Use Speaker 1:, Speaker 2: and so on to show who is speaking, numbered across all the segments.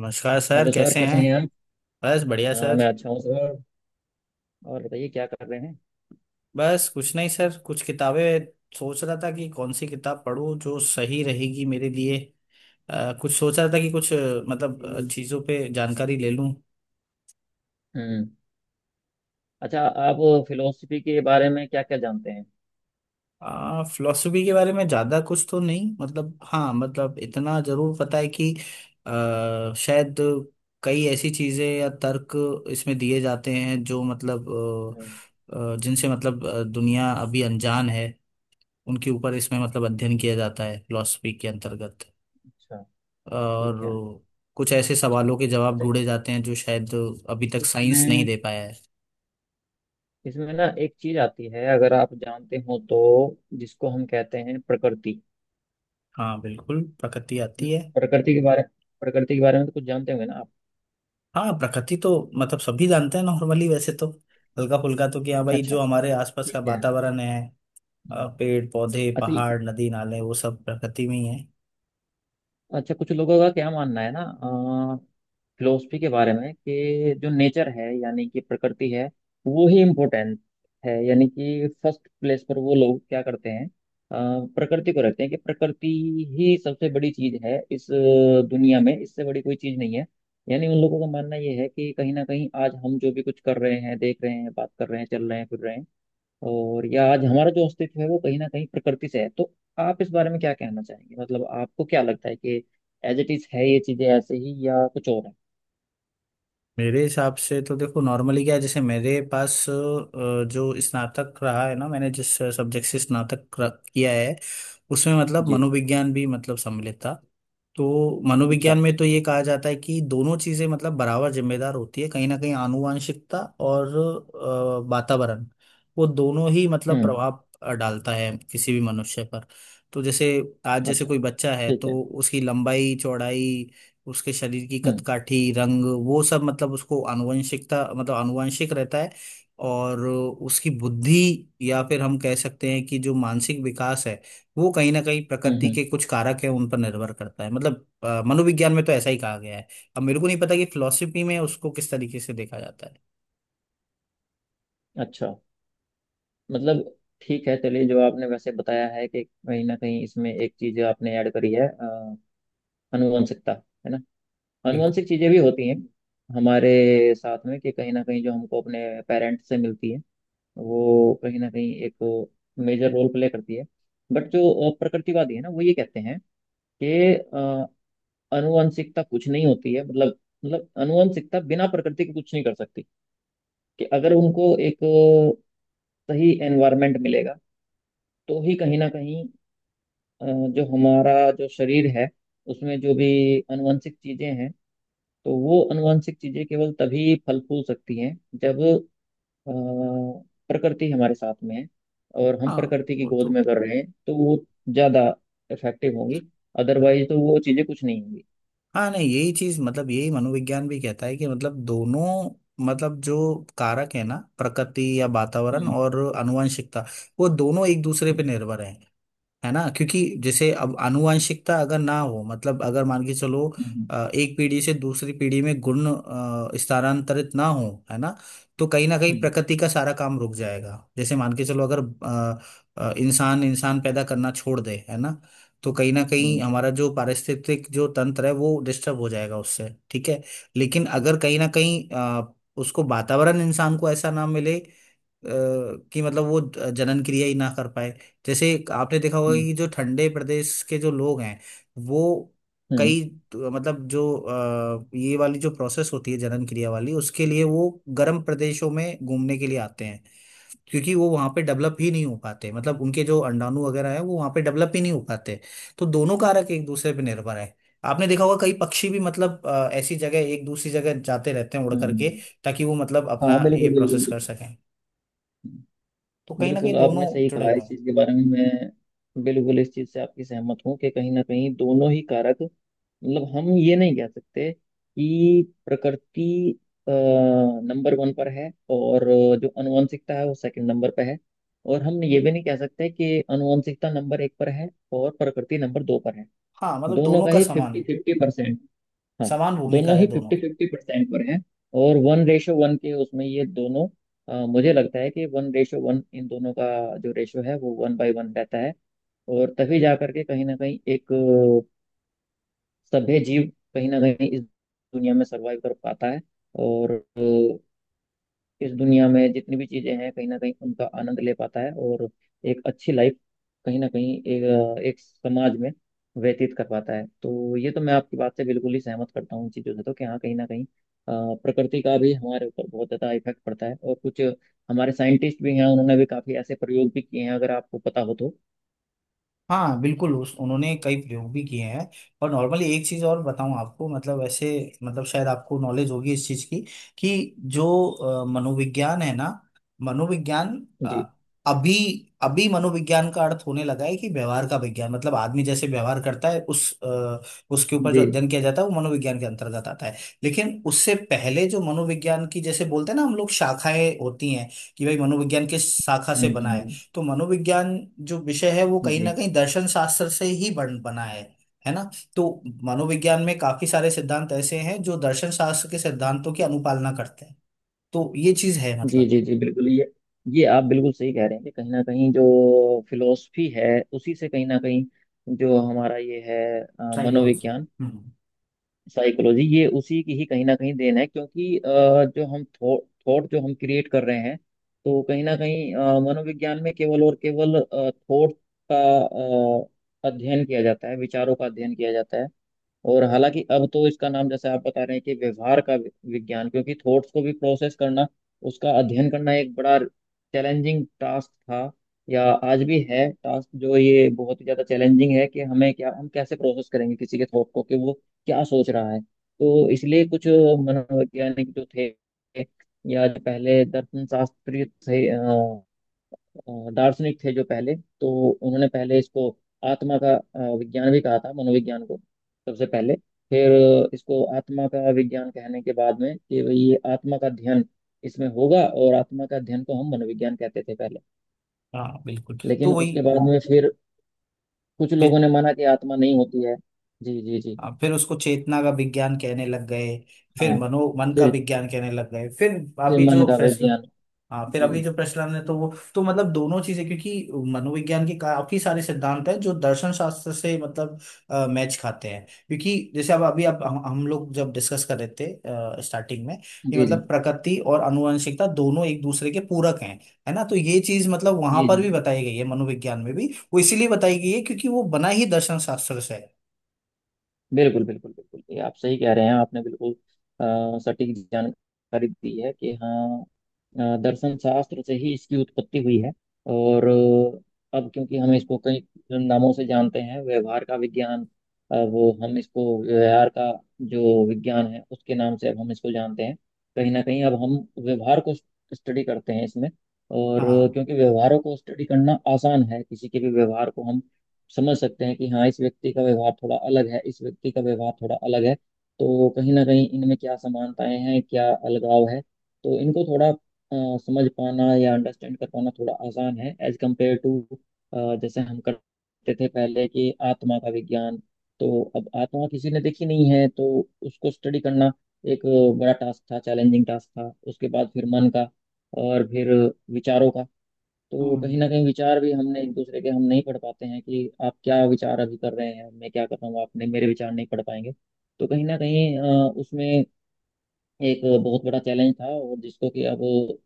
Speaker 1: नमस्कार sir,
Speaker 2: hello sir
Speaker 1: कैसे
Speaker 2: कैसे
Speaker 1: हैं?
Speaker 2: हैं आप।
Speaker 1: बस बढ़िया
Speaker 2: हाँ मैं
Speaker 1: सर।
Speaker 2: अच्छा हूँ सर। और बताइए क्या कर रहे हैं।
Speaker 1: बस कुछ नहीं सर, कुछ किताबें सोच रहा था कि कौन सी किताब पढूं जो सही रहेगी मेरे लिए। कुछ सोच रहा था कि कुछ मतलब
Speaker 2: हम्म।
Speaker 1: चीज़ों पे जानकारी ले लूं।
Speaker 2: हम्म, अच्छा आप फिलोसफी के बारे में क्या क्या जानते हैं।
Speaker 1: फिलोसफी के बारे में ज़्यादा कुछ तो नहीं, मतलब हाँ, मतलब इतना ज़रूर पता है कि शायद कई ऐसी चीज़ें या तर्क इसमें दिए जाते हैं जो मतलब
Speaker 2: हम्म,
Speaker 1: जिनसे मतलब दुनिया अभी अनजान है। उनके ऊपर इसमें मतलब अध्ययन किया जाता है फिलॉसफी के अंतर्गत।
Speaker 2: अच्छा।
Speaker 1: और
Speaker 2: ठीक है।
Speaker 1: कुछ ऐसे सवालों के जवाब
Speaker 2: अच्छा।
Speaker 1: ढूंढे जाते हैं जो शायद अभी तक साइंस नहीं
Speaker 2: इसमें
Speaker 1: दे पाया है।
Speaker 2: इसमें ना एक चीज आती है अगर आप जानते हो तो, जिसको हम कहते हैं प्रकृति।
Speaker 1: हाँ बिल्कुल, प्रकृति आती है।
Speaker 2: प्रकृति के बारे प्रकृति के बारे में तो कुछ जानते होंगे ना आप।
Speaker 1: हाँ, प्रकृति तो मतलब सभी जानते हैं नॉर्मली वैसे तो। हल्का फुल्का तो कि हाँ भाई,
Speaker 2: अच्छा।
Speaker 1: जो हमारे आसपास का
Speaker 2: ठीक है।
Speaker 1: वातावरण है,
Speaker 2: हम्म,
Speaker 1: पेड़ पौधे
Speaker 2: अच्छा।
Speaker 1: पहाड़ नदी नाले वो सब प्रकृति में ही है।
Speaker 2: अच्छा, कुछ लोगों का क्या मानना है ना फिलोसफी के बारे में, कि जो नेचर है यानी कि प्रकृति है वो ही इम्पोर्टेंट है, यानी कि फर्स्ट प्लेस पर वो लोग क्या करते हैं प्रकृति को रखते हैं कि प्रकृति ही सबसे बड़ी चीज है इस दुनिया में, इससे बड़ी कोई चीज नहीं है। यानी उन लोगों का मानना ये है कि कहीं ना कहीं आज हम जो भी कुछ कर रहे हैं, देख रहे हैं, बात कर रहे हैं, चल रहे हैं, फिर रहे हैं, और या आज हमारा जो अस्तित्व है वो कहीं ना कहीं प्रकृति से है। तो आप इस बारे में क्या कहना चाहेंगे, मतलब आपको क्या लगता है कि एज इट इज है ये चीजें ऐसे ही या कुछ और है।
Speaker 1: मेरे हिसाब से तो देखो, नॉर्मली क्या है जैसे मेरे पास जो स्नातक रहा है ना, मैंने जिस सब्जेक्ट से स्नातक किया है, उसमें मतलब
Speaker 2: जी।
Speaker 1: मनोविज्ञान भी मतलब सम्मिलित था। तो
Speaker 2: अच्छा।
Speaker 1: मनोविज्ञान में तो ये कहा जाता है कि दोनों चीजें मतलब बराबर जिम्मेदार होती है कहीं ना कहीं, आनुवांशिकता और वातावरण, वो दोनों ही मतलब
Speaker 2: हम्म।
Speaker 1: प्रभाव डालता है किसी भी मनुष्य पर। तो जैसे आज जैसे
Speaker 2: अच्छा।
Speaker 1: कोई बच्चा है
Speaker 2: ठीक है।
Speaker 1: तो उसकी लंबाई चौड़ाई, उसके शरीर की
Speaker 2: हम्म,
Speaker 1: कदकाठी, रंग, वो सब मतलब उसको आनुवंशिकता मतलब आनुवंशिक रहता है। और उसकी बुद्धि या फिर हम कह सकते हैं कि जो मानसिक विकास है, वो कहीं ना कहीं
Speaker 2: हम्म,
Speaker 1: प्रकृति
Speaker 2: हम्म,
Speaker 1: के कुछ कारक है उन पर निर्भर करता है, मतलब मनोविज्ञान में तो ऐसा ही कहा गया है। अब मेरे को नहीं पता कि फिलोसफी में उसको किस तरीके से देखा जाता है।
Speaker 2: अच्छा। मतलब ठीक है चलिए, जो आपने वैसे बताया है कि कहीं ना कहीं इसमें एक चीज आपने ऐड करी है, आनुवंशिकता, है ना।
Speaker 1: बिल्कुल।
Speaker 2: आनुवंशिक चीजें भी होती हैं हमारे साथ में, कि कहीं ना कहीं जो हमको अपने पेरेंट्स से मिलती है वो कहीं ना कहीं एक मेजर रोल प्ले करती है। बट जो प्रकृतिवादी है ना वो ये कहते हैं कि अ, आनुवंशिकता कुछ नहीं होती है, मतलब आनुवंशिकता बिना प्रकृति के कुछ नहीं कर सकती। कि अगर उनको एक सही एनवायरनमेंट मिलेगा तो ही कहीं ना कहीं अ, जो हमारा जो शरीर है उसमें जो भी आनुवंशिक चीजें हैं, तो वो आनुवंशिक चीजें केवल तभी फल फूल सकती हैं जब अ, प्रकृति हमारे साथ में है और हम
Speaker 1: हाँ,
Speaker 2: प्रकृति की
Speaker 1: वो
Speaker 2: गोद
Speaker 1: तो।
Speaker 2: में कर रहे हैं, तो वो ज्यादा इफेक्टिव होंगी। अदरवाइज तो वो चीजें कुछ नहीं होंगी।
Speaker 1: हाँ नहीं, यही चीज मतलब यही मनोविज्ञान भी कहता है कि मतलब दोनों मतलब जो कारक है ना, प्रकृति या वातावरण
Speaker 2: हम्म,
Speaker 1: और आनुवंशिकता, वो दोनों एक दूसरे पे निर्भर है। है ना, क्योंकि जैसे अब आनुवंशिकता अगर ना हो, मतलब अगर मान के चलो,
Speaker 2: हम्म,
Speaker 1: एक पीढ़ी से दूसरी पीढ़ी में गुण स्थानांतरित ना हो, है ना। तो कहीं ना कहीं
Speaker 2: हम्म,
Speaker 1: प्रकृति का सारा काम रुक जाएगा, जैसे मान के चलो अगर इंसान इंसान पैदा करना छोड़ दे, है ना। तो कहीं ना कहीं
Speaker 2: हम्म,
Speaker 1: हमारा जो पारिस्थितिक जो तंत्र है वो डिस्टर्ब हो जाएगा उससे, ठीक है। लेकिन अगर कहीं ना कहीं उसको वातावरण इंसान को ऐसा ना मिले कि मतलब वो जनन क्रिया ही ना कर पाए। जैसे एक आपने देखा होगा कि जो ठंडे प्रदेश के जो लोग हैं वो
Speaker 2: हम्म,
Speaker 1: कई, तो मतलब जो ये वाली जो प्रोसेस होती है जनन क्रिया वाली, उसके लिए वो गर्म प्रदेशों में घूमने के लिए आते हैं, क्योंकि वो वहाँ पे डेवलप ही नहीं हो पाते, मतलब उनके जो अंडाणु वगैरह है वो वहाँ पे डेवलप ही नहीं हो पाते। तो दोनों कारक एक दूसरे पे निर्भर है। आपने देखा होगा कई पक्षी भी मतलब ऐसी जगह एक दूसरी जगह जाते रहते हैं उड़
Speaker 2: हम्म,
Speaker 1: करके,
Speaker 2: हम्म।
Speaker 1: ताकि वो मतलब अपना
Speaker 2: हाँ,
Speaker 1: ये
Speaker 2: बिल्कुल बिल्कुल
Speaker 1: प्रोसेस कर
Speaker 2: बिल्कुल।
Speaker 1: सकें। तो कहीं ना कहीं
Speaker 2: बिल्कुल
Speaker 1: दोनों
Speaker 2: आपने सही
Speaker 1: जुड़े
Speaker 2: कहा,
Speaker 1: हुए
Speaker 2: इस
Speaker 1: हैं।
Speaker 2: चीज के बारे में मैं बिल्कुल इस चीज से आपकी सहमत हूँ कि कहीं ना कहीं दोनों ही कारक, मतलब हम ये नहीं कह सकते कि प्रकृति नंबर वन पर है और जो आनुवंशिकता है वो सेकंड नंबर पर है। और हम ये भी नहीं कह सकते कि आनुवंशिकता नंबर एक पर है और प्रकृति नंबर दो पर है।
Speaker 1: हाँ मतलब
Speaker 2: दोनों
Speaker 1: दोनों
Speaker 2: का
Speaker 1: का
Speaker 2: ही फिफ्टी
Speaker 1: समान,
Speaker 2: फिफ्टी परसेंट। हाँ।
Speaker 1: समान भूमिका
Speaker 2: दोनों ही
Speaker 1: है दोनों।
Speaker 2: फिफ्टी फिफ्टी परसेंट पर हैं। और वन रेशो वन के उसमें ये दोनों, मुझे लगता है कि वन रेशो वन, इन दोनों का जो रेशो है वो वन बाय वन रहता है। और तभी जा करके कहीं ना कहीं एक सभ्य जीव कहीं ना कहीं इस दुनिया में सरवाइव कर पाता है। और इस दुनिया में जितनी भी चीजें हैं कहीं ना कहीं उनका आनंद ले पाता है, और एक अच्छी लाइफ कहीं ना कहीं एक समाज में व्यतीत कर पाता है। तो ये तो मैं आपकी बात से बिल्कुल ही सहमत करता हूँ इन चीज़ों से, तो कि हाँ कहीं ना कहीं प्रकृति का भी हमारे ऊपर बहुत ज़्यादा इफेक्ट पड़ता है, और कुछ हमारे साइंटिस्ट भी हैं उन्होंने भी काफ़ी ऐसे प्रयोग भी किए हैं, अगर आपको पता हो तो।
Speaker 1: हाँ बिल्कुल, उस उन्होंने कई प्रयोग भी किए हैं। और नॉर्मली एक चीज़ और बताऊं आपको, मतलब ऐसे मतलब शायद आपको नॉलेज होगी इस चीज़ की कि जो मनोविज्ञान है ना, मनोविज्ञान
Speaker 2: जी
Speaker 1: अ, अभी अभी मनोविज्ञान का अर्थ होने लगा है कि व्यवहार का विज्ञान, मतलब आदमी जैसे व्यवहार करता है उस उसके ऊपर जो
Speaker 2: जी।
Speaker 1: अध्ययन किया जाता है वो मनोविज्ञान के अंतर्गत आता है। लेकिन उससे पहले जो मनोविज्ञान की जैसे बोलते हैं ना हम लोग, शाखाएं होती हैं, कि भाई मनोविज्ञान किस शाखा से
Speaker 2: हम्म,
Speaker 1: बना है।
Speaker 2: हम्म।
Speaker 1: तो मनोविज्ञान जो विषय है वो कहीं
Speaker 2: जी
Speaker 1: ना कहीं दर्शन शास्त्र से ही बन बना है। है ना, तो मनोविज्ञान में काफी सारे सिद्धांत ऐसे हैं जो दर्शन शास्त्र के सिद्धांतों की अनुपालना करते हैं। तो ये चीज है
Speaker 2: जी
Speaker 1: मतलब।
Speaker 2: जी जी, बिल्कुल। ये आप बिल्कुल सही कह रहे हैं कि कहीं ना कहीं जो फिलोसफी है उसी से कहीं ना कहीं जो हमारा ये है
Speaker 1: साइकोलॉजी।
Speaker 2: मनोविज्ञान,
Speaker 1: हम्म।
Speaker 2: साइकोलॉजी, ये उसी की ही कहीं ना कहीं देन है। क्योंकि जो हम थॉट थॉट जो हम क्रिएट कर रहे हैं, तो कहीं ना कहीं मनोविज्ञान में केवल और केवल थॉट का अध्ययन किया जाता है, विचारों का अध्ययन किया जाता है। और हालांकि अब तो इसका नाम जैसे आप बता रहे हैं कि व्यवहार का विज्ञान, क्योंकि थॉट्स को भी प्रोसेस करना, उसका अध्ययन करना एक बड़ा चैलेंजिंग टास्क था। या आज भी है टास्क, जो ये बहुत ही ज्यादा चैलेंजिंग है कि हमें क्या, हम कैसे प्रोसेस करेंगे किसी के थॉट को कि वो क्या सोच रहा है। तो इसलिए कुछ मनोवैज्ञानिक जो थे या जो पहले दर्शन शास्त्री थे, दार्शनिक थे जो पहले, तो उन्होंने पहले इसको आत्मा का विज्ञान भी कहा था, मनोविज्ञान को सबसे पहले। फिर इसको आत्मा का विज्ञान कहने के बाद में कि भाई ये आत्मा का अध्ययन इसमें होगा, और आत्मा का अध्ययन को हम मनोविज्ञान कहते थे पहले।
Speaker 1: हाँ बिल्कुल। तो
Speaker 2: लेकिन
Speaker 1: वही।
Speaker 2: उसके बाद में फिर कुछ लोगों
Speaker 1: फिर।
Speaker 2: ने माना कि आत्मा नहीं होती है। जी जी जी।
Speaker 1: फिर उसको चेतना का विज्ञान कहने लग गए। फिर
Speaker 2: हाँ।
Speaker 1: मनो मन का
Speaker 2: फिर
Speaker 1: विज्ञान कहने लग गए, फिर
Speaker 2: फिर
Speaker 1: अभी
Speaker 2: मन
Speaker 1: जो
Speaker 2: का
Speaker 1: प्रश्न।
Speaker 2: विज्ञान।
Speaker 1: हाँ फिर अभी
Speaker 2: जी
Speaker 1: जो प्रचलन है तो वो। तो मतलब दोनों चीजें, क्योंकि मनोविज्ञान के काफी सारे सिद्धांत हैं जो दर्शन शास्त्र से मतलब मैच खाते हैं, क्योंकि जैसे अब हम लोग जब डिस्कस कर रहे थे स्टार्टिंग में कि
Speaker 2: जी जी
Speaker 1: मतलब प्रकृति और आनुवंशिकता दोनों एक दूसरे के पूरक हैं। है ना, तो ये चीज मतलब वहां
Speaker 2: जी
Speaker 1: पर
Speaker 2: जी,
Speaker 1: भी बताई गई है, मनोविज्ञान में भी। वो इसीलिए बताई गई है क्योंकि वो बना ही दर्शन शास्त्र से है।
Speaker 2: बिल्कुल बिल्कुल बिल्कुल। ये आप सही कह रहे हैं, आपने बिल्कुल सटीक जानकारी दी है कि हाँ दर्शन शास्त्र से ही इसकी उत्पत्ति हुई है। और अब क्योंकि हम इसको कई नामों से जानते हैं, व्यवहार का विज्ञान, वो हम इसको व्यवहार का जो विज्ञान है उसके नाम से अब हम इसको जानते हैं। कहीं ना कहीं अब हम व्यवहार को स्टडी करते हैं इसमें। और
Speaker 1: हाँ।
Speaker 2: क्योंकि व्यवहारों को स्टडी करना आसान है, किसी के भी व्यवहार को हम समझ सकते हैं कि हाँ इस व्यक्ति का व्यवहार थोड़ा अलग है, इस व्यक्ति का व्यवहार थोड़ा अलग है। तो कहीं ना कहीं इनमें क्या समानताएं हैं, क्या अलगाव है। तो इनको थोड़ा समझ पाना या अंडरस्टैंड कर पाना थोड़ा आसान है, एज कम्पेयर टू जैसे हम करते थे पहले कि आत्मा का विज्ञान। तो अब आत्मा किसी ने देखी नहीं है, तो उसको स्टडी करना एक बड़ा टास्क था, चैलेंजिंग टास्क था। उसके बाद फिर मन का, और फिर विचारों का। तो कहीं
Speaker 1: हम्म
Speaker 2: ना कहीं विचार भी हमने एक दूसरे के हम नहीं पढ़ पाते हैं, कि आप क्या विचार अभी कर रहे हैं, मैं क्या कर रहा हूँ, आपने मेरे विचार नहीं पढ़ पाएंगे। तो कहीं ना कहीं उसमें एक बहुत बड़ा चैलेंज था, और जिसको कि अब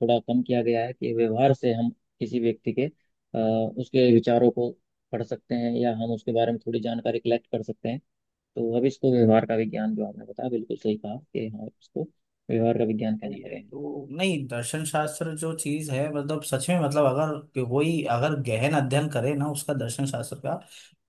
Speaker 2: थोड़ा कम किया गया है, कि व्यवहार से हम किसी व्यक्ति के उसके विचारों को पढ़ सकते हैं, या हम उसके बारे में थोड़ी जानकारी कलेक्ट कर सकते हैं। तो अब इसको व्यवहार का विज्ञान, जो आपने बताया बिल्कुल सही कहा कि हाँ इसको व्यवहार का विज्ञान कहने
Speaker 1: सही है,
Speaker 2: लगे हैं।
Speaker 1: तो नहीं दर्शन शास्त्र जो चीज है मतलब सच में, मतलब अगर कोई अगर गहन अध्ययन करे ना उसका, दर्शन शास्त्र का,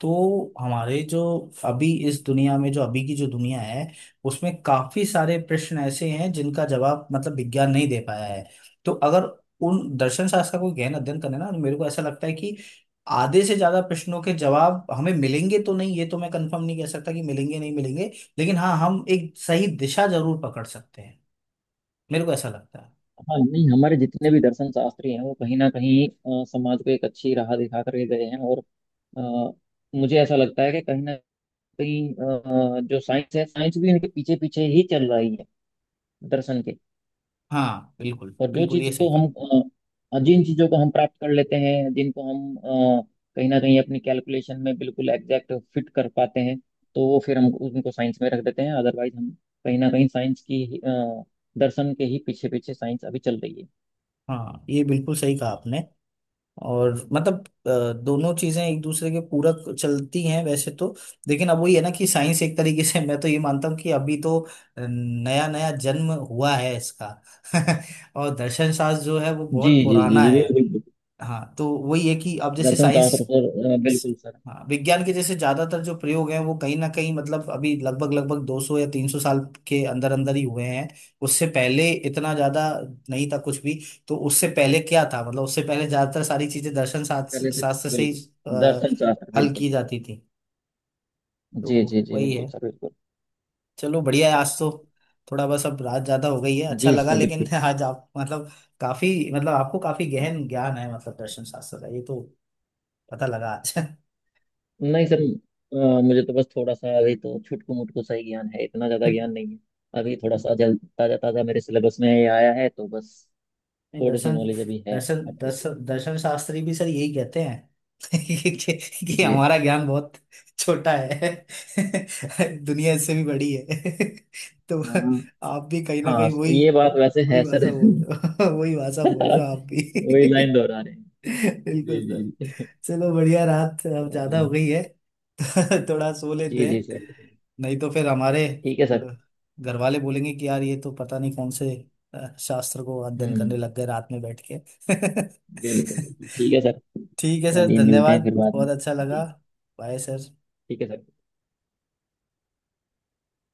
Speaker 1: तो हमारे जो अभी इस दुनिया में जो अभी की जो दुनिया है, उसमें काफी सारे प्रश्न ऐसे हैं जिनका जवाब मतलब विज्ञान नहीं दे पाया है। तो अगर उन दर्शन शास्त्र का कोई गहन अध्ययन करे ना तो मेरे को ऐसा लगता है कि आधे से ज्यादा प्रश्नों के जवाब हमें मिलेंगे, तो नहीं ये तो मैं कंफर्म नहीं कह सकता कि मिलेंगे नहीं मिलेंगे, लेकिन हाँ हम एक सही दिशा जरूर पकड़ सकते हैं, मेरे को ऐसा लगता है।
Speaker 2: हाँ, नहीं, हमारे जितने भी दर्शन शास्त्री हैं वो कहीं ना कहीं समाज को एक अच्छी राह दिखा कर गए हैं, और मुझे ऐसा लगता है कि कहीं ना कहीं जो साइंस है साइंस भी उनके पीछे पीछे ही चल रही है, दर्शन के।
Speaker 1: हाँ बिल्कुल
Speaker 2: और जो
Speaker 1: बिल्कुल,
Speaker 2: चीज
Speaker 1: ये सही
Speaker 2: को हम
Speaker 1: कहा।
Speaker 2: अ, जिन चीजों को हम प्राप्त कर लेते हैं, जिनको हम कहीं ना कहीं अपनी कैलकुलेशन में बिल्कुल एग्जैक्ट फिट कर पाते हैं, तो वो फिर हम उनको साइंस में रख देते हैं। अदरवाइज हम कहीं ना कहीं साइंस की ही, अ, दर्शन के ही पीछे पीछे साइंस अभी चल रही है।
Speaker 1: हाँ ये बिल्कुल सही कहा आपने। और मतलब दोनों चीजें एक दूसरे के पूरक चलती हैं वैसे तो। लेकिन अब वही है ना कि साइंस एक तरीके से मैं तो ये मानता हूँ कि अभी तो नया नया जन्म हुआ है इसका और दर्शन शास्त्र जो है वो
Speaker 2: जी
Speaker 1: बहुत
Speaker 2: जी जी
Speaker 1: पुराना
Speaker 2: जी,
Speaker 1: है।
Speaker 2: बिल्कुल बिल्कुल।
Speaker 1: हाँ तो वही है कि अब जैसे
Speaker 2: दर्शन
Speaker 1: साइंस।
Speaker 2: शास्त्र सर, बिल्कुल सर।
Speaker 1: हाँ, विज्ञान के जैसे ज्यादातर जो प्रयोग हैं वो कहीं ना कहीं मतलब अभी लगभग लगभग 200 या 300 साल के अंदर अंदर ही हुए हैं। उससे पहले इतना ज्यादा नहीं था कुछ भी। तो उससे पहले क्या था मतलब उससे पहले ज्यादातर सारी चीजें दर्शन
Speaker 2: पहले
Speaker 1: शास्त्र
Speaker 2: से,
Speaker 1: शास्त्र से ही
Speaker 2: बिल्कुल।
Speaker 1: अ,
Speaker 2: दर्शन शास्त्र,
Speaker 1: हल
Speaker 2: बिल्कुल।
Speaker 1: की जाती थी।
Speaker 2: जी
Speaker 1: तो
Speaker 2: जी जी,
Speaker 1: वही
Speaker 2: बिल्कुल
Speaker 1: है।
Speaker 2: सर, बिल्कुल।
Speaker 1: चलो बढ़िया है आज तो। थोड़ा बस अब रात ज्यादा हो गई है, अच्छा
Speaker 2: जी
Speaker 1: लगा
Speaker 2: सर,
Speaker 1: लेकिन
Speaker 2: बिल्कुल।
Speaker 1: आज आप मतलब काफी, मतलब आपको काफी गहन ज्ञान है मतलब दर्शन शास्त्र का, ये तो पता लगा आज
Speaker 2: नहीं सर, मुझे तो बस थोड़ा सा, अभी तो छुटकू मुटकू सा ही ज्ञान है, इतना ज्यादा ज्ञान नहीं है। अभी थोड़ा सा जल ताजा ताजा मेरे सिलेबस में ये आया है, तो बस
Speaker 1: नहीं,
Speaker 2: थोड़ी सी
Speaker 1: दर्शन
Speaker 2: नॉलेज अभी है,
Speaker 1: दर्शन
Speaker 2: अपडेट।
Speaker 1: दर्शन दर्शन शास्त्री भी सर यही कहते हैं, कि
Speaker 2: जी।
Speaker 1: हमारा ज्ञान बहुत छोटा है, दुनिया इससे भी बड़ी है। तो
Speaker 2: हाँ,
Speaker 1: आप भी कहीं ना
Speaker 2: हाँ
Speaker 1: कहीं वही
Speaker 2: ये बात वैसे
Speaker 1: वही
Speaker 2: है सर।
Speaker 1: भाषा बोल रहे हो वही भाषा बोल रहे हो आप
Speaker 2: वही लाइन
Speaker 1: भी
Speaker 2: दोहरा रहे हैं।
Speaker 1: बिल्कुल
Speaker 2: जी जी
Speaker 1: सर।
Speaker 2: जी।
Speaker 1: चलो बढ़िया, रात अब ज्यादा हो
Speaker 2: चलिए।
Speaker 1: गई है थोड़ा सो
Speaker 2: जी
Speaker 1: लेते
Speaker 2: जी
Speaker 1: हैं,
Speaker 2: सर।
Speaker 1: नहीं तो फिर हमारे
Speaker 2: ठीक है सर।
Speaker 1: अ, घर वाले बोलेंगे कि यार ये तो पता नहीं कौन से शास्त्र को अध्ययन करने
Speaker 2: हम्म,
Speaker 1: लग गए रात में बैठ के
Speaker 2: बिल्कुल बिल्कुल। ठीक है सर।
Speaker 1: ठीक है सर,
Speaker 2: चलिए, मिलते हैं
Speaker 1: धन्यवाद।
Speaker 2: फिर बाद
Speaker 1: बहुत
Speaker 2: में।
Speaker 1: अच्छा लगा।
Speaker 2: जी।
Speaker 1: Bye sir.
Speaker 2: ठीक है सर।